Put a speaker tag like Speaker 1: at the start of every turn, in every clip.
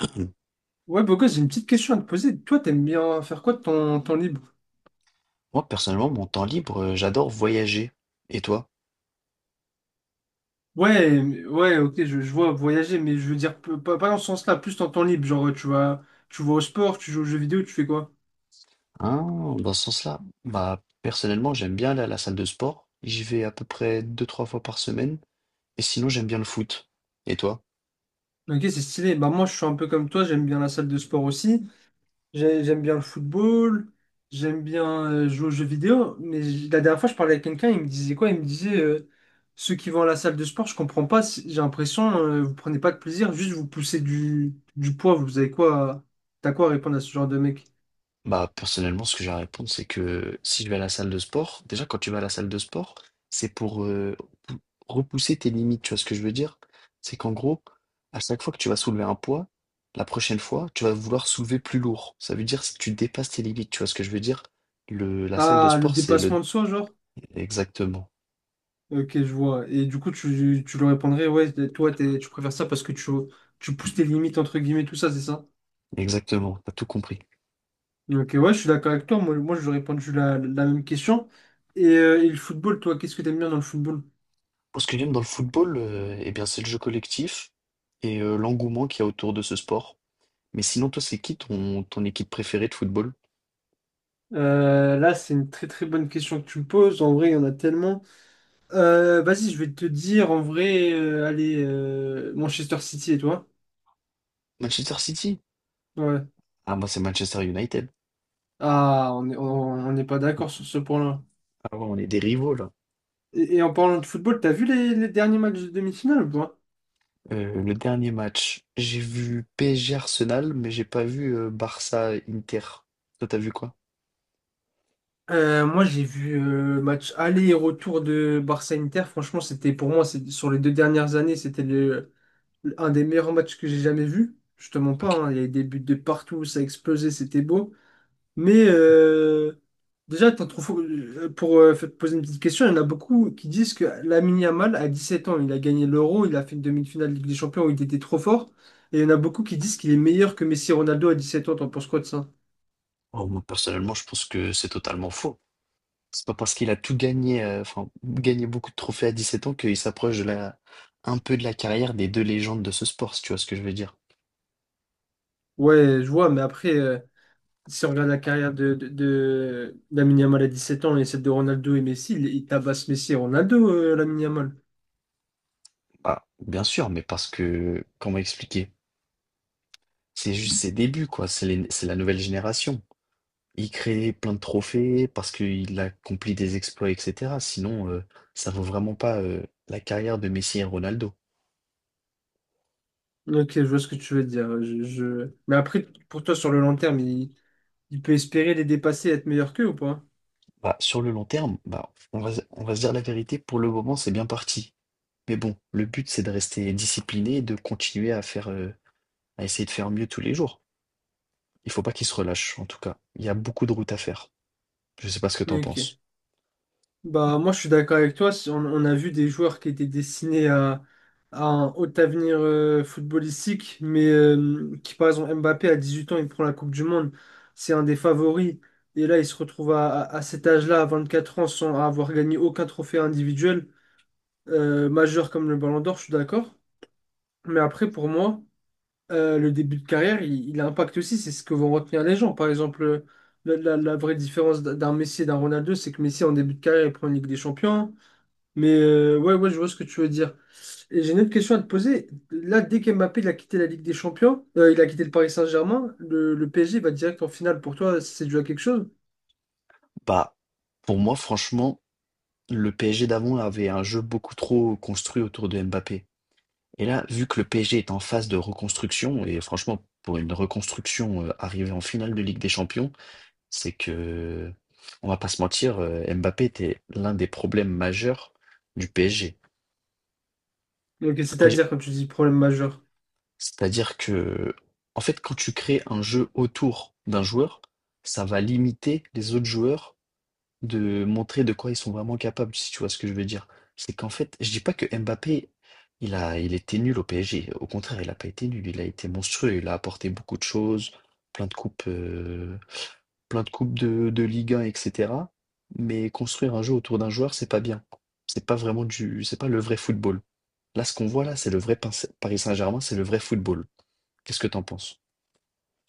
Speaker 1: Mmh.
Speaker 2: Ouais, Bogos, j'ai une petite question à te poser. Toi, t'aimes bien faire quoi de ton temps libre?
Speaker 1: Moi, personnellement, mon temps libre, j'adore voyager et toi?
Speaker 2: Ouais, ouais, ok, je vois voyager, mais je veux dire, pas dans ce sens-là, plus dans ton temps libre. Genre, tu vas au sport, tu joues aux jeux vidéo, tu fais quoi?
Speaker 1: Mmh. Ah, dans ce sens-là, bah, personnellement, j'aime bien aller à la salle de sport. J'y vais à peu près deux trois fois par semaine et sinon, j'aime bien le foot et toi?
Speaker 2: Ok, c'est stylé. Bah, moi, je suis un peu comme toi, j'aime bien la salle de sport aussi. J'aime bien le football, j'aime bien jouer aux jeux vidéo, mais la dernière fois, je parlais avec quelqu'un, il me disait quoi? Il me disait, ceux qui vont à la salle de sport, je comprends pas, j'ai l'impression, vous prenez pas de plaisir, juste vous poussez du poids, vous avez quoi, t'as quoi à répondre à ce genre de mec?
Speaker 1: Bah, personnellement, ce que j'ai à répondre, c'est que si je vais à la salle de sport, déjà, quand tu vas à la salle de sport, c'est pour pou- repousser tes limites. Tu vois ce que je veux dire? C'est qu'en gros, à chaque fois que tu vas soulever un poids, la prochaine fois, tu vas vouloir soulever plus lourd. Ça veut dire si tu dépasses tes limites. Tu vois ce que je veux dire? La salle de
Speaker 2: Ah, le
Speaker 1: sport, c'est le.
Speaker 2: dépassement de soi, genre?
Speaker 1: Exactement.
Speaker 2: Ok, je vois. Et du coup, tu leur répondrais, ouais, toi, tu préfères ça parce que tu pousses tes limites, entre guillemets, tout ça, c'est ça?
Speaker 1: Exactement. T'as tout compris.
Speaker 2: Ok, ouais, je suis d'accord avec toi. Moi, j'aurais répondu la même question. Et, le football, toi, qu'est-ce que t'aimes bien dans le football?
Speaker 1: Moi, ce que j'aime dans le football, eh bien, c'est le jeu collectif et l'engouement qu'il y a autour de ce sport. Mais sinon, toi, c'est qui ton, ton équipe préférée de football?
Speaker 2: Là, c'est une très très bonne question que tu me poses. En vrai, il y en a tellement. Vas-y, je vais te dire, en vrai, allez, Manchester City et toi?
Speaker 1: Manchester City?
Speaker 2: Ouais.
Speaker 1: Ah, moi, c'est Manchester United.
Speaker 2: Ah, on n'est pas d'accord sur ce point-là.
Speaker 1: Ah ouais, on est des rivaux, là.
Speaker 2: Et en parlant de football, t'as vu les derniers matchs de demi-finale ou pas?
Speaker 1: Le dernier match, j'ai vu PSG Arsenal, mais j'ai pas vu Barça Inter. Toi, t'as vu quoi?
Speaker 2: Moi, j'ai vu match aller et retour de Barça-Inter. Franchement, c'était pour moi, sur les deux dernières années, un des meilleurs matchs que j'ai jamais vu. Je te mens pas,
Speaker 1: Ok.
Speaker 2: hein, il y a eu des buts de partout, ça a explosé, c'était beau. Mais déjà, t'en trouves, pour te poser une petite question, il y en a beaucoup qui disent que Lamine Yamal, à 7 ans, il a gagné l'Euro, il a fait une demi-finale de Ligue des Champions où il était trop fort. Et il y en a beaucoup qui disent qu'il est meilleur que Messi et Ronaldo à 17 ans. T'en penses quoi de ça?
Speaker 1: Oh, moi, personnellement, je pense que c'est totalement faux. C'est pas parce qu'il a tout gagné, enfin, gagné beaucoup de trophées à 17 ans qu'il s'approche de la, un peu de la carrière des deux légendes de ce sport, si tu vois ce que je veux dire.
Speaker 2: Ouais, je vois, mais après, si on regarde la carrière de Lamine Yamal à 7 ans et celle de Ronaldo et Messi, il tabasse Messi et Ronaldo, Lamine Yamal.
Speaker 1: Bah, bien sûr, mais parce que, comment expliquer? C'est juste ses débuts, quoi. C'est la nouvelle génération. Il crée plein de trophées parce qu'il accomplit des exploits, et cetera. Sinon, ça vaut vraiment pas, la carrière de Messi et Ronaldo.
Speaker 2: Ok, je vois ce que tu veux dire. Mais après, pour toi, sur le long terme, il peut espérer les dépasser et être meilleur qu'eux ou pas?
Speaker 1: Bah, sur le long terme, bah, on va se dire la vérité, pour le moment, c'est bien parti. Mais bon, le but, c'est de rester discipliné et de continuer à faire, à essayer de faire mieux tous les jours. Il faut pas qu'il se relâche, en tout cas. Il y a beaucoup de route à faire. Je sais pas ce que t'en
Speaker 2: Ok.
Speaker 1: penses?
Speaker 2: Bah, moi, je suis d'accord avec toi. Si on a vu des joueurs qui étaient destinés à un haut avenir footballistique, mais qui, par exemple, Mbappé, à 18 ans, il prend la Coupe du Monde. C'est un des favoris. Et là, il se retrouve à cet âge-là, à 4 ans, sans avoir gagné aucun trophée individuel, majeur comme le Ballon d'Or, je suis d'accord. Mais après, pour moi, le début de carrière, il impacte aussi, c'est ce que vont retenir les gens. Par exemple, la vraie différence d'un Messi et d'un Ronaldo, c'est que Messi, en début de carrière, il prend une Ligue des Champions. Mais ouais, ouais, je vois ce que tu veux dire. Et j'ai une autre question à te poser. Là, dès qu'Mbappé il a quitté la Ligue des Champions, il a quitté le Paris Saint-Germain, le PSG va direct en finale. Pour toi, c'est dû à quelque chose?
Speaker 1: Bah, pour moi, franchement, le PSG d'avant avait un jeu beaucoup trop construit autour de Mbappé. Et là, vu que le PSG est en phase de reconstruction, et franchement, pour une reconstruction arrivée en finale de Ligue des Champions, c'est que, on va pas se mentir, Mbappé était l'un des problèmes majeurs du PSG.
Speaker 2: Donc,
Speaker 1: Après, j-
Speaker 2: c'est-à-dire, quand tu dis problème majeur.
Speaker 1: c'est-à-dire que, en fait, quand tu crées un jeu autour d'un joueur, ça va limiter les autres joueurs de montrer de quoi ils sont vraiment capables, si tu vois ce que je veux dire. C'est qu'en fait, je dis pas que Mbappé, il était nul au PSG. Au contraire, il a pas été nul, il a été monstrueux, il a apporté beaucoup de choses, plein de coupes, euh, plein de coupes de Ligue 1, etc. Mais construire un jeu autour d'un joueur, c'est pas bien. C'est pas le vrai football. Là, ce qu'on voit là, c'est le vrai Paris Saint-Germain, c'est le vrai football. Qu'est-ce que t'en penses?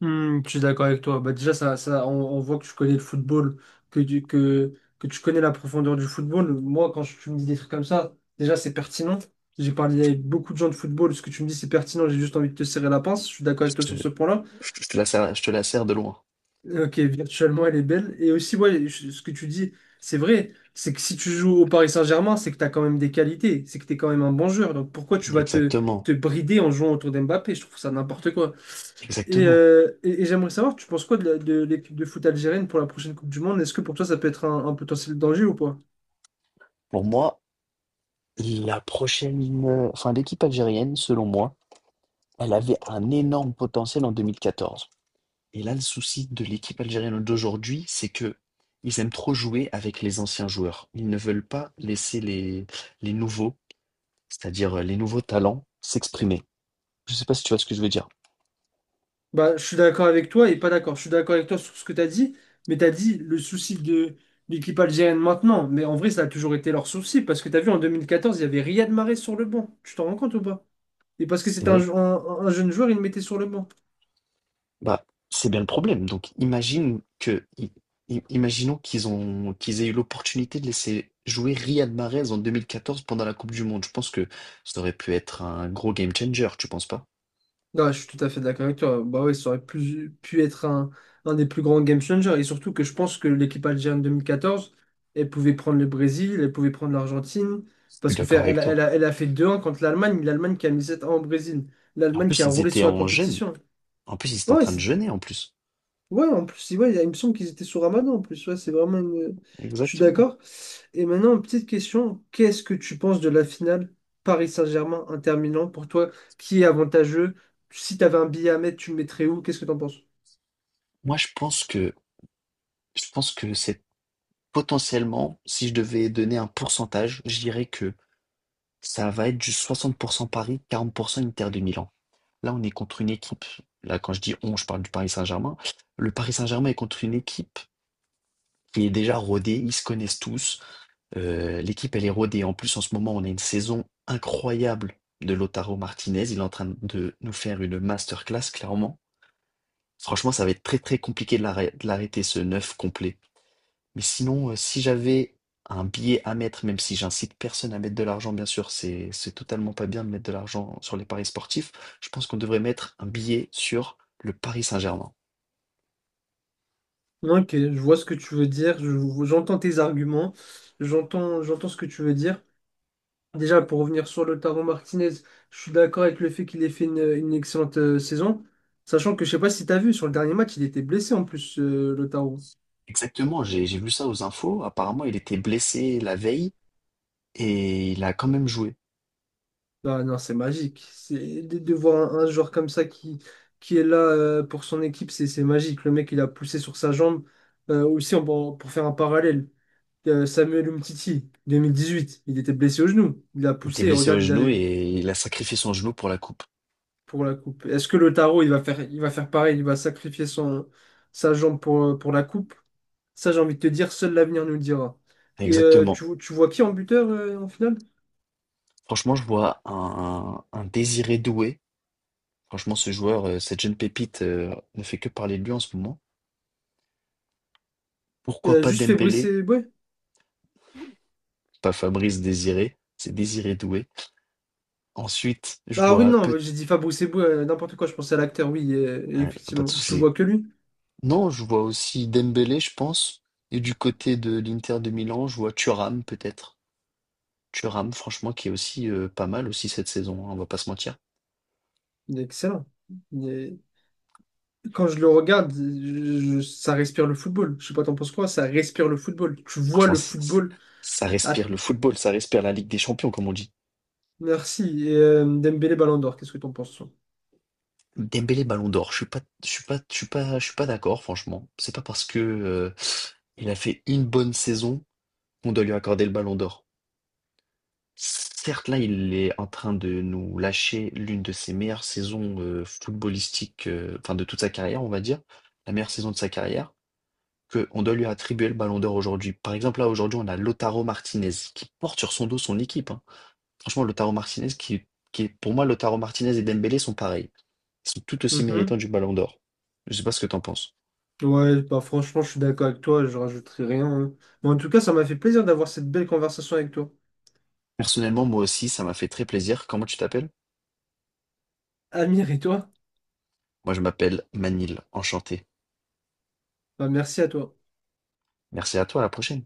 Speaker 2: Hmm, je suis d'accord avec toi. Bah, déjà, ça, on voit que tu connais le football, que tu, que, que tu connais la profondeur du football. Moi, quand tu me dis des trucs comme ça, déjà, c'est pertinent. J'ai parlé avec beaucoup de gens de football. Ce que tu me dis, c'est pertinent. J'ai juste envie de te serrer la pince. Je suis d'accord
Speaker 1: Je
Speaker 2: avec toi
Speaker 1: te,
Speaker 2: sur ce point-là.
Speaker 1: je te la serre, je te la sers de loin.
Speaker 2: Ok, virtuellement, elle est belle. Et aussi, ouais, ce que tu dis, c'est vrai. C'est que si tu joues au Paris Saint-Germain, c'est que tu as quand même des qualités. C'est que tu es quand même un bon joueur. Donc, pourquoi tu vas te,
Speaker 1: Exactement,
Speaker 2: te brider en jouant autour d'Mbappé? Je trouve ça n'importe quoi. Et,
Speaker 1: exactement.
Speaker 2: j'aimerais savoir, tu penses quoi de de l'équipe de foot algérienne pour la prochaine Coupe du Monde? Est-ce que pour toi ça peut être un potentiel danger ou pas?
Speaker 1: Pour moi, La prochaine, enfin l'équipe algérienne, selon moi, elle avait un énorme potentiel en 2014. Et là, le souci de l'équipe algérienne d'aujourd'hui, c'est que ils aiment trop jouer avec les anciens joueurs. Ils ne veulent pas laisser les nouveaux, c'est-à-dire les nouveaux talents, s'exprimer. Je ne sais pas si tu vois ce que je veux dire.
Speaker 2: Bah, je suis d'accord avec toi et pas d'accord. Je suis d'accord avec toi sur ce que tu as dit, mais tu as dit le souci de l'équipe algérienne maintenant. Mais en vrai, ça a toujours été leur souci parce que tu as vu en 2014, il y avait Riyad Mahrez sur le banc. Tu t'en rends compte ou pas? Et parce que
Speaker 1: C'est
Speaker 2: c'était un,
Speaker 1: vrai.
Speaker 2: jou- un- un jeune joueur, il le mettait sur le banc.
Speaker 1: Bah, c'est bien le problème. Donc, imagine que, i- i- imaginons qu'ils ont, qu'ils aient eu l'opportunité de laisser jouer Riyad Mahrez en 2014 pendant la Coupe du Monde. Je pense que ça aurait pu être un gros game changer, tu penses pas?
Speaker 2: Non, je suis tout à fait d'accord avec toi. Bah ouais, ça aurait pu être un des plus grands game changers. Et surtout que je pense que l'équipe algérienne 2014, elle pouvait prendre le Brésil, elle pouvait prendre l'Argentine.
Speaker 1: Je suis
Speaker 2: Parce que
Speaker 1: d'accord
Speaker 2: faire,
Speaker 1: avec toi.
Speaker 2: elle a fait deux 1 contre l'Allemagne, l'Allemagne qui a mis 7 un au Brésil,
Speaker 1: Et en
Speaker 2: l'Allemagne qui
Speaker 1: plus,
Speaker 2: a
Speaker 1: ils
Speaker 2: roulé
Speaker 1: étaient
Speaker 2: sur la
Speaker 1: en jeûne.
Speaker 2: compétition.
Speaker 1: En plus, ils étaient en
Speaker 2: Ouais,
Speaker 1: train de jeûner, en plus.
Speaker 2: ouais, en plus, ouais, il me semble qu'ils étaient sous Ramadan en plus. Ouais, c'est vraiment une. Je suis
Speaker 1: Exactement.
Speaker 2: d'accord. Et maintenant, petite question. Qu'est-ce que tu penses de la finale Paris Saint-Germain, Inter Milan pour toi? Qui est avantageux? Si tu avais un billet à mettre, tu le mettrais où? Qu'est-ce que tu en penses?
Speaker 1: Moi, je pense que c'est potentiellement, si je devais donner un pourcentage, je dirais que ça va être du 60% Paris, 40% Inter de Milan. Là, on est contre une équipe. Là, quand je dis on, je parle du Paris Saint-Germain. Le Paris Saint-Germain est contre une équipe qui est déjà rodée. Ils se connaissent tous. L'équipe, elle est rodée. En plus, en ce moment, on a une saison incroyable de Lautaro Martinez. Il est en train de nous faire une masterclass, clairement. Franchement, ça va être très, très compliqué de l'arrêter, ce neuf complet. Mais sinon, si j'avais un billet à mettre, même si j'incite personne à mettre de l'argent, bien sûr, c'est totalement pas bien de mettre de l'argent sur les paris sportifs. Je pense qu'on devrait mettre un billet sur le Paris Saint-Germain.
Speaker 2: Ok, je vois ce que tu veux dire. J'entends tes arguments. J'entends ce que tu veux dire. Déjà, pour revenir sur Lautaro Martinez, je suis d'accord avec le fait qu'il ait fait une excellente saison. Sachant que je sais pas si tu as vu, sur le dernier match, il était blessé en plus, Lautaro.
Speaker 1: Exactement, j'ai vu ça aux infos. Apparemment, il était blessé la veille et il a quand même joué.
Speaker 2: Ah non, c'est magique. C'est de voir un joueur comme ça qui est là pour son équipe, c'est magique. Le mec, il a poussé sur sa jambe. Aussi, pour faire un parallèle, Samuel Umtiti, 2018, il était blessé au genou. Il a
Speaker 1: Il était
Speaker 2: poussé,
Speaker 1: blessé au
Speaker 2: regarde, il a
Speaker 1: genou et il a sacrifié son genou pour la coupe.
Speaker 2: pour la coupe. Est-ce que Lautaro, il va faire pareil, il va sacrifier sa jambe pour la coupe? Ça, j'ai envie de te dire, seul l'avenir nous le dira. Et
Speaker 1: Exactement.
Speaker 2: tu vois qui en buteur en finale?
Speaker 1: Franchement, je vois un Désiré Doué. Franchement, ce joueur, cette jeune pépite, ne fait que parler de lui en ce moment. Pourquoi
Speaker 2: Euh,
Speaker 1: pas
Speaker 2: juste Fabrice
Speaker 1: Dembélé?
Speaker 2: Eboué?
Speaker 1: Pas Fabrice Désiré, c'est Désiré Doué. Ensuite, je
Speaker 2: Ah oui,
Speaker 1: vois
Speaker 2: non,
Speaker 1: peut
Speaker 2: j'ai dit Fabrice Eboué, n'importe quoi, je pensais à l'acteur, oui, et
Speaker 1: hein, pas de
Speaker 2: effectivement. Je
Speaker 1: souci.
Speaker 2: vois que lui.
Speaker 1: Non, je vois aussi Dembélé, je pense. Et du côté de l'Inter de Milan, je vois Thuram peut-être. Thuram, franchement, qui est aussi pas mal aussi cette saison, hein, on va pas se mentir.
Speaker 2: Il est excellent. Il est- Quand je le regarde, ça respire le football. Je sais pas, t'en penses quoi? Ça respire le football. Tu vois
Speaker 1: Franchement,
Speaker 2: le football.
Speaker 1: ça
Speaker 2: Ah,
Speaker 1: respire le football, ça respire la Ligue des Champions, comme on dit.
Speaker 2: merci. Et Dembélé Ballon d'Or, qu'est-ce que t'en penses, toi?
Speaker 1: Dembélé Ballon d'Or, je suis pas, je suis pas, je suis pas, je suis pas d'accord, franchement. C'est pas parce que il a fait une bonne saison qu'on doit lui accorder le Ballon d'Or. Certes, là, il est en train de nous lâcher l'une de ses meilleures saisons footballistiques, enfin de toute sa carrière, on va dire, la meilleure saison de sa carrière, que on doit lui attribuer le Ballon d'Or aujourd'hui. Par exemple, là, aujourd'hui, on a Lautaro Martinez qui porte sur son dos son équipe, hein. Franchement, Lautaro Martinez, qui est, pour moi, Lautaro Martinez et Dembélé sont pareils. Ils sont tout aussi
Speaker 2: Mhm.
Speaker 1: méritants du Ballon d'Or. Je sais pas ce que t'en penses.
Speaker 2: Ouais, bah franchement, je suis d'accord avec toi, je rajouterai rien, hein. Mais en tout cas, ça m'a fait plaisir d'avoir cette belle conversation avec toi.
Speaker 1: Personnellement, moi aussi, ça m'a fait très plaisir. Comment tu t'appelles?
Speaker 2: Amir et toi,
Speaker 1: Moi, je m'appelle Manil. Enchanté.
Speaker 2: bah merci à toi.
Speaker 1: Merci à toi, à la prochaine.